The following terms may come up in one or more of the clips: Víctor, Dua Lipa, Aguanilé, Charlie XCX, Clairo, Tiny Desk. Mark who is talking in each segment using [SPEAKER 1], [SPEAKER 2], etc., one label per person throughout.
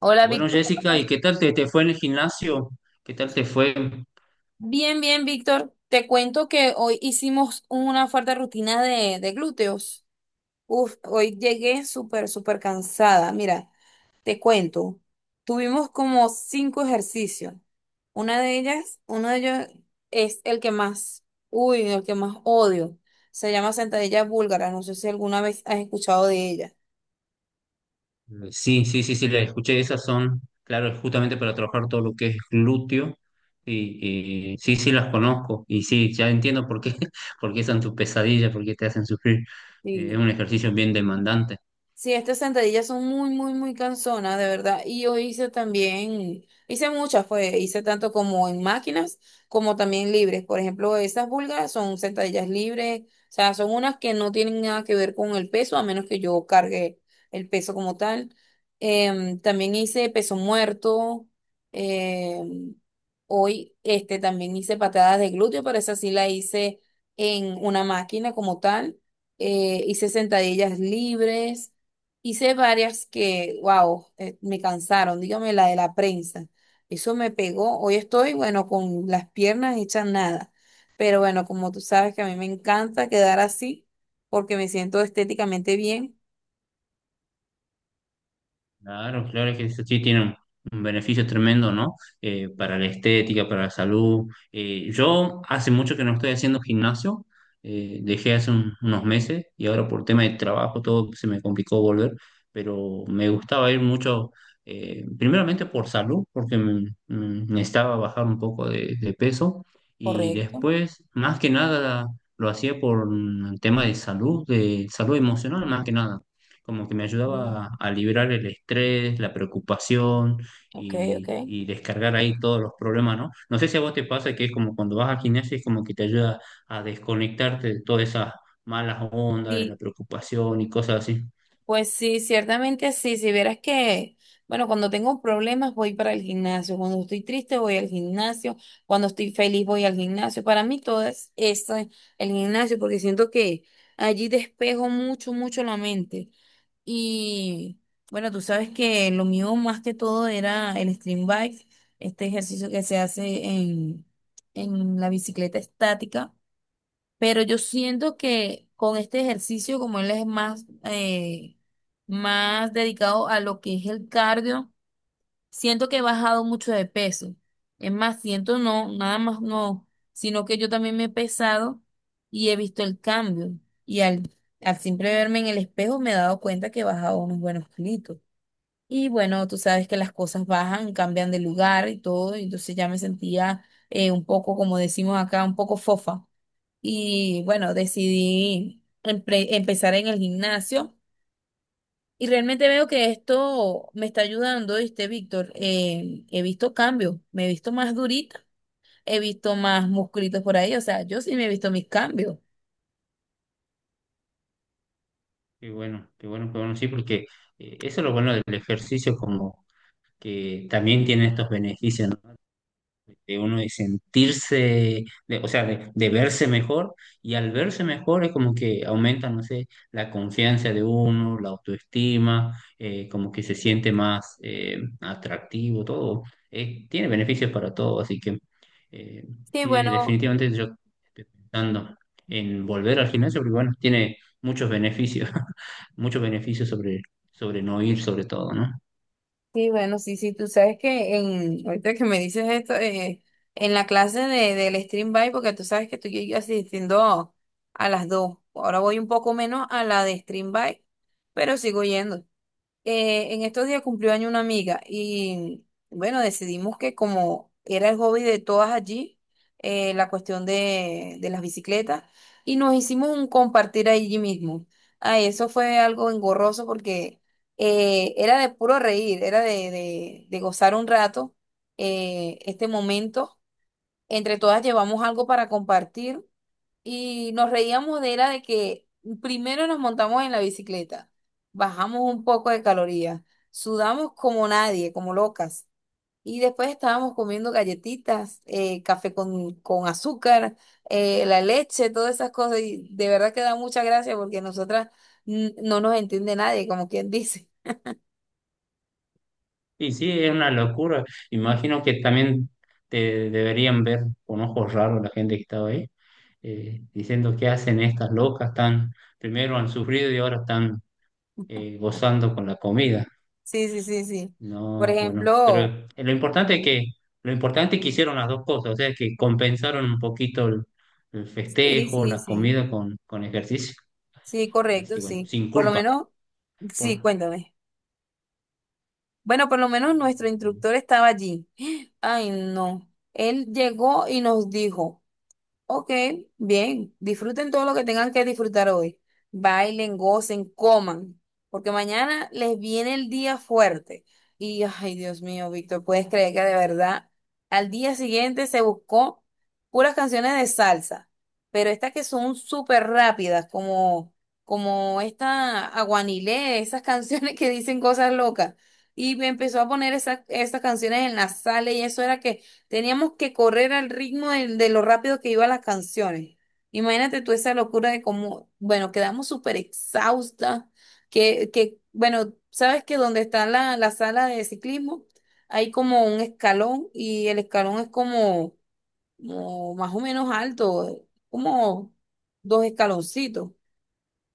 [SPEAKER 1] Hola,
[SPEAKER 2] Bueno,
[SPEAKER 1] Víctor.
[SPEAKER 2] Jessica, ¿y qué tal te fue en el gimnasio? ¿Qué tal te fue?
[SPEAKER 1] Bien, bien, Víctor. Te cuento que hoy hicimos una fuerte rutina de glúteos. Uf, hoy llegué súper, súper cansada. Mira, te cuento. Tuvimos como cinco ejercicios. Uno de ellos es el que más, uy, el que más odio. Se llama sentadilla búlgara. No sé si alguna vez has escuchado de ella.
[SPEAKER 2] Sí, sí, sí, sí, le escuché. Esas son, claro, justamente para trabajar todo lo que es glúteo. Y sí, sí, las conozco. Y sí, ya entiendo por qué, por qué son tus pesadillas, por qué te hacen sufrir. Es
[SPEAKER 1] Sí.
[SPEAKER 2] un ejercicio bien demandante.
[SPEAKER 1] Sí, estas sentadillas son muy, muy, muy cansonas, de verdad. Y yo hice también, hice muchas, hice tanto como en máquinas como también libres. Por ejemplo, esas búlgaras son sentadillas libres, o sea, son unas que no tienen nada que ver con el peso, a menos que yo cargue el peso como tal. También hice peso muerto. em, Hoy, también hice patadas de glúteo, pero esa sí la hice en una máquina como tal. Hice sentadillas libres. Hice varias que, wow, me cansaron. Dígame la de la prensa. Eso me pegó. Hoy estoy, bueno, con las piernas hechas nada. Pero bueno, como tú sabes que a mí me encanta quedar así porque me siento estéticamente bien.
[SPEAKER 2] Claro, claro, es que eso sí tiene un beneficio tremendo, ¿no? Para la estética, para la salud. Yo hace mucho que no estoy haciendo gimnasio, dejé hace unos meses y ahora por tema de trabajo todo se me complicó volver, pero me gustaba ir mucho, primeramente por salud, porque me necesitaba bajar un poco de peso y
[SPEAKER 1] Correcto.
[SPEAKER 2] después, más que nada, lo hacía por un tema de salud emocional, más que nada, como que me
[SPEAKER 1] Mm,
[SPEAKER 2] ayudaba a liberar el estrés, la preocupación
[SPEAKER 1] ok, ok.
[SPEAKER 2] y descargar ahí todos los problemas, ¿no? No sé si a vos te pasa que es como cuando vas al gimnasio, es como que te ayuda a desconectarte de todas esas malas ondas, de la
[SPEAKER 1] Sí,
[SPEAKER 2] preocupación y cosas así.
[SPEAKER 1] pues sí, ciertamente sí. Si vieras que, bueno, cuando tengo problemas voy para el gimnasio, cuando estoy triste voy al gimnasio, cuando estoy feliz voy al gimnasio. Para mí todo es esto, el gimnasio, porque siento que allí despejo mucho, mucho la mente. Y bueno, tú sabes que lo mío más que todo era el stream bike, este ejercicio que se hace en la bicicleta estática, pero yo siento que con este ejercicio, como él es más dedicado a lo que es el cardio, siento que he bajado mucho de peso. Es más, siento no, nada más no, sino que yo también me he pesado y he visto el cambio. Y al siempre verme en el espejo me he dado cuenta que he bajado unos buenos kilitos. Y bueno, tú sabes que las cosas bajan, cambian de lugar y todo, y entonces ya me sentía un poco, como decimos acá, un poco fofa. Y bueno, decidí empezar en el gimnasio y realmente veo que esto me está ayudando, ¿viste, Víctor? He visto cambios, me he visto más durita, he visto más musculitos por ahí, o sea, yo sí me he visto mis cambios.
[SPEAKER 2] Qué bueno, qué bueno, qué bueno, sí, porque eso es lo bueno del ejercicio, como que también tiene estos beneficios, ¿no? De uno de sentirse, o sea, de verse mejor, y al verse mejor es como que aumenta, no sé, la confianza de uno, la autoestima, como que se siente más, atractivo, todo. Tiene beneficios para todo, así que, eh,
[SPEAKER 1] Sí,
[SPEAKER 2] sí,
[SPEAKER 1] bueno.
[SPEAKER 2] definitivamente yo estoy pensando en volver al gimnasio, porque bueno, tiene muchos beneficios, muchos beneficios sobre, sobre no ir, sobre todo, ¿no?
[SPEAKER 1] Sí, bueno, sí, sí, tú sabes que ahorita que me dices esto, en la clase del stream by, porque tú sabes que estoy yo asistiendo a las dos, ahora voy un poco menos a la de stream by, pero sigo yendo en estos días cumplió año una amiga y bueno, decidimos que como era el hobby de todas allí, la cuestión de las bicicletas, y nos hicimos un compartir allí mismo. Ay, eso fue algo engorroso porque era de puro reír, era de gozar un rato este momento. Entre todas llevamos algo para compartir y nos reíamos de era de que primero nos montamos en la bicicleta, bajamos un poco de calorías, sudamos como nadie, como locas. Y después estábamos comiendo galletitas, café con azúcar, la leche, todas esas cosas. Y de verdad que da mucha gracia porque nosotras no nos entiende nadie, como quien dice.
[SPEAKER 2] Y sí, es una locura. Imagino que también te deberían ver con ojos raros la gente que estaba ahí, diciendo qué hacen estas locas, tan primero han sufrido y ahora están, gozando con la comida.
[SPEAKER 1] Sí, sí, sí, sí. Por
[SPEAKER 2] No, bueno, pero
[SPEAKER 1] ejemplo,
[SPEAKER 2] lo importante lo importante es que hicieron las dos cosas, o sea, que compensaron un poquito el
[SPEAKER 1] sí,
[SPEAKER 2] festejo,
[SPEAKER 1] sí,
[SPEAKER 2] la
[SPEAKER 1] sí.
[SPEAKER 2] comida con ejercicio.
[SPEAKER 1] Sí,
[SPEAKER 2] Así
[SPEAKER 1] correcto,
[SPEAKER 2] que bueno,
[SPEAKER 1] sí.
[SPEAKER 2] sin
[SPEAKER 1] Por lo
[SPEAKER 2] culpa.
[SPEAKER 1] menos, sí,
[SPEAKER 2] Por...
[SPEAKER 1] cuéntame. Bueno, por lo menos nuestro instructor estaba allí. Ay, no. Él llegó y nos dijo. Ok, bien. Disfruten todo lo que tengan que disfrutar hoy. Bailen, gocen, coman, porque mañana les viene el día fuerte. Y, ay, Dios mío, Víctor, ¿puedes creer que de verdad al día siguiente se buscó puras canciones de salsa? Pero estas que son súper rápidas, como, como esta Aguanilé, esas canciones que dicen cosas locas. Y me empezó a poner esas, esas canciones en la sala y eso era que. Teníamos que correr al ritmo de lo rápido que iban las canciones. Imagínate tú esa locura de cómo, bueno, quedamos súper exhaustas, bueno, sabes que donde está la sala de ciclismo hay como un escalón y el escalón es como, como más o menos alto, como dos escaloncitos.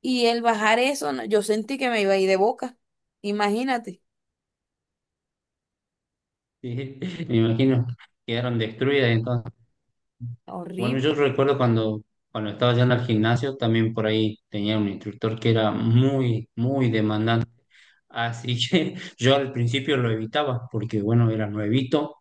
[SPEAKER 1] Y el bajar eso, no, yo sentí que me iba a ir de boca. Imagínate.
[SPEAKER 2] Sí, me imagino, quedaron destruidas entonces. Bueno, yo
[SPEAKER 1] Horrible.
[SPEAKER 2] recuerdo cuando, cuando estaba yendo al gimnasio, también por ahí tenía un instructor que era muy, muy demandante. Así que yo al principio lo evitaba porque, bueno, era nuevito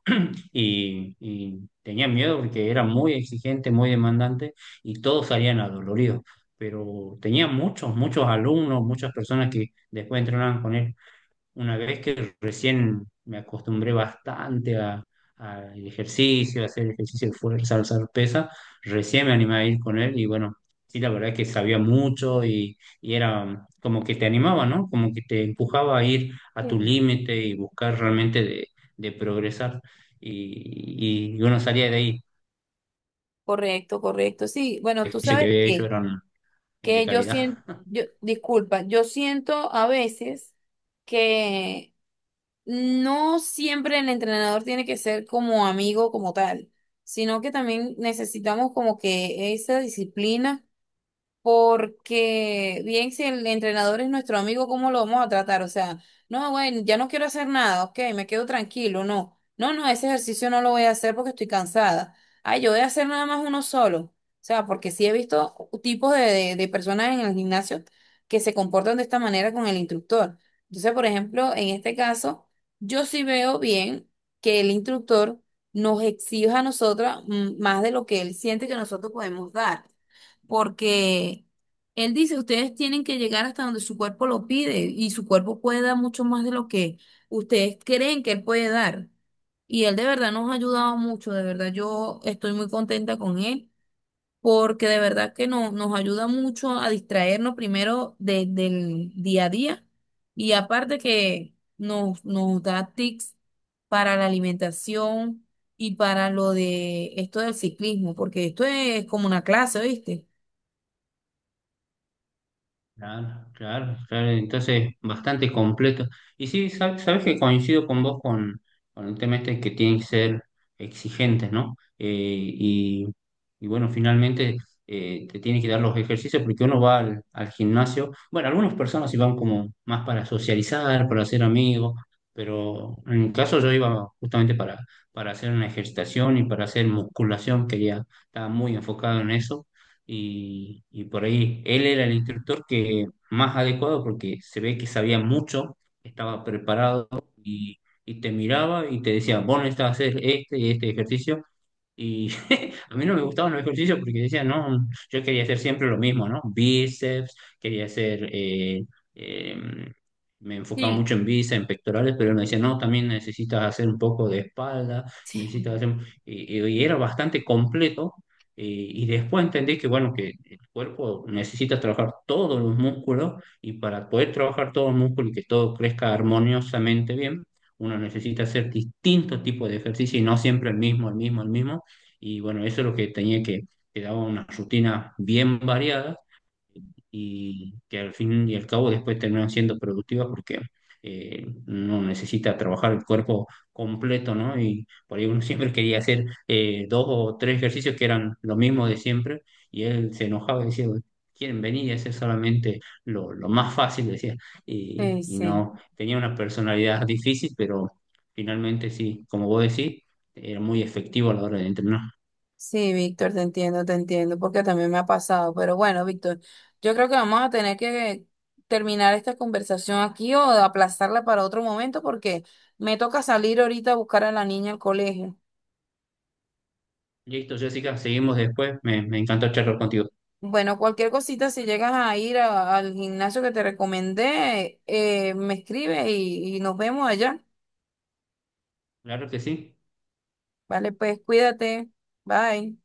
[SPEAKER 2] y tenía miedo porque era muy exigente, muy demandante y todos salían adoloridos. Pero tenía muchos, muchos alumnos, muchas personas que después entrenaban con él una vez que recién me acostumbré bastante al ejercicio, a hacer ejercicio de fuerza, alzar pesa, recién me animé a ir con él y bueno, sí, la verdad es que sabía mucho y era como que te animaba, ¿no? Como que te empujaba a ir a tu
[SPEAKER 1] Sí.
[SPEAKER 2] límite y buscar realmente de progresar. Y uno salía de ahí,
[SPEAKER 1] Correcto, correcto. Sí, bueno,
[SPEAKER 2] el
[SPEAKER 1] tú
[SPEAKER 2] ejercicio que
[SPEAKER 1] sabes
[SPEAKER 2] había hecho
[SPEAKER 1] qué.
[SPEAKER 2] eran de
[SPEAKER 1] Que yo siento,
[SPEAKER 2] calidad.
[SPEAKER 1] yo, disculpa, yo siento a veces que no siempre el entrenador tiene que ser como amigo como tal, sino que también necesitamos como que esa disciplina porque bien, si el entrenador es nuestro amigo, ¿cómo lo vamos a tratar? O sea, no, bueno, ya no quiero hacer nada, ok, me quedo tranquilo, no. No, no, ese ejercicio no lo voy a hacer porque estoy cansada. Ay, yo voy a hacer nada más uno solo. O sea, porque sí he visto tipos de personas en el gimnasio que se comportan de esta manera con el instructor. Entonces, por ejemplo, en este caso, yo sí veo bien que el instructor nos exija a nosotras más de lo que él siente que nosotros podemos dar porque él dice, ustedes tienen que llegar hasta donde su cuerpo lo pide y su cuerpo puede dar mucho más de lo que ustedes creen que él puede dar. Y él de verdad nos ha ayudado mucho, de verdad yo estoy muy contenta con él, porque de verdad que nos ayuda mucho a distraernos primero del día a día y aparte que nos da tips para la alimentación y para lo de esto del ciclismo, porque esto es como una clase, ¿viste?
[SPEAKER 2] Claro, claro, claro, entonces bastante completo. Y sí, sabes que coincido con vos con el tema este que tienen que ser exigentes, ¿no? Y bueno, finalmente, te tienen que dar los ejercicios porque uno va al, al gimnasio. Bueno, algunas personas sí van como más para socializar, para hacer amigos, pero en mi caso yo iba justamente para hacer una ejercitación y para hacer musculación, quería, estaba muy enfocado en eso y por ahí él era el instructor que más adecuado porque se ve que sabía mucho, estaba preparado y te miraba y te decía, vos necesitas hacer este y este ejercicio y a mí no me gustaban los ejercicios porque decía, no, yo quería hacer siempre lo mismo, ¿no? Bíceps, quería hacer, em, me enfocaba
[SPEAKER 1] Sí,
[SPEAKER 2] mucho en bíceps, en pectorales, pero él me decía, no, también necesitas hacer un poco de espalda,
[SPEAKER 1] sí.
[SPEAKER 2] necesitas hacer, y era bastante completo. Y después entendí que, bueno, que el cuerpo necesita trabajar todos los músculos y para poder trabajar todo el músculo y que todo crezca armoniosamente bien, uno necesita hacer distintos tipos de ejercicio y no siempre el mismo, el mismo, el mismo y bueno, eso es lo que tenía que daba una rutina bien variada y que al fin y al cabo después terminan siendo productivas porque, uno necesita trabajar el cuerpo completo, ¿no? Y por ahí uno siempre quería hacer, dos o tres ejercicios que eran lo mismo de siempre y él se enojaba y decía, quieren venir y hacer solamente lo más fácil, decía.
[SPEAKER 1] Sí,
[SPEAKER 2] Y
[SPEAKER 1] sí,
[SPEAKER 2] no, tenía una personalidad difícil, pero finalmente sí, como vos decís, era muy efectivo a la hora de entrenar.
[SPEAKER 1] sí, Víctor, te entiendo, porque también me ha pasado. Pero bueno, Víctor, yo creo que vamos a tener que terminar esta conversación aquí o aplazarla para otro momento porque me toca salir ahorita a buscar a la niña al colegio.
[SPEAKER 2] Listo, Jessica, seguimos después. Me encantó charlar contigo.
[SPEAKER 1] Bueno, cualquier cosita, si llegas a ir al gimnasio que te recomendé, me escribe y nos vemos allá.
[SPEAKER 2] Claro que sí.
[SPEAKER 1] Vale, pues cuídate. Bye.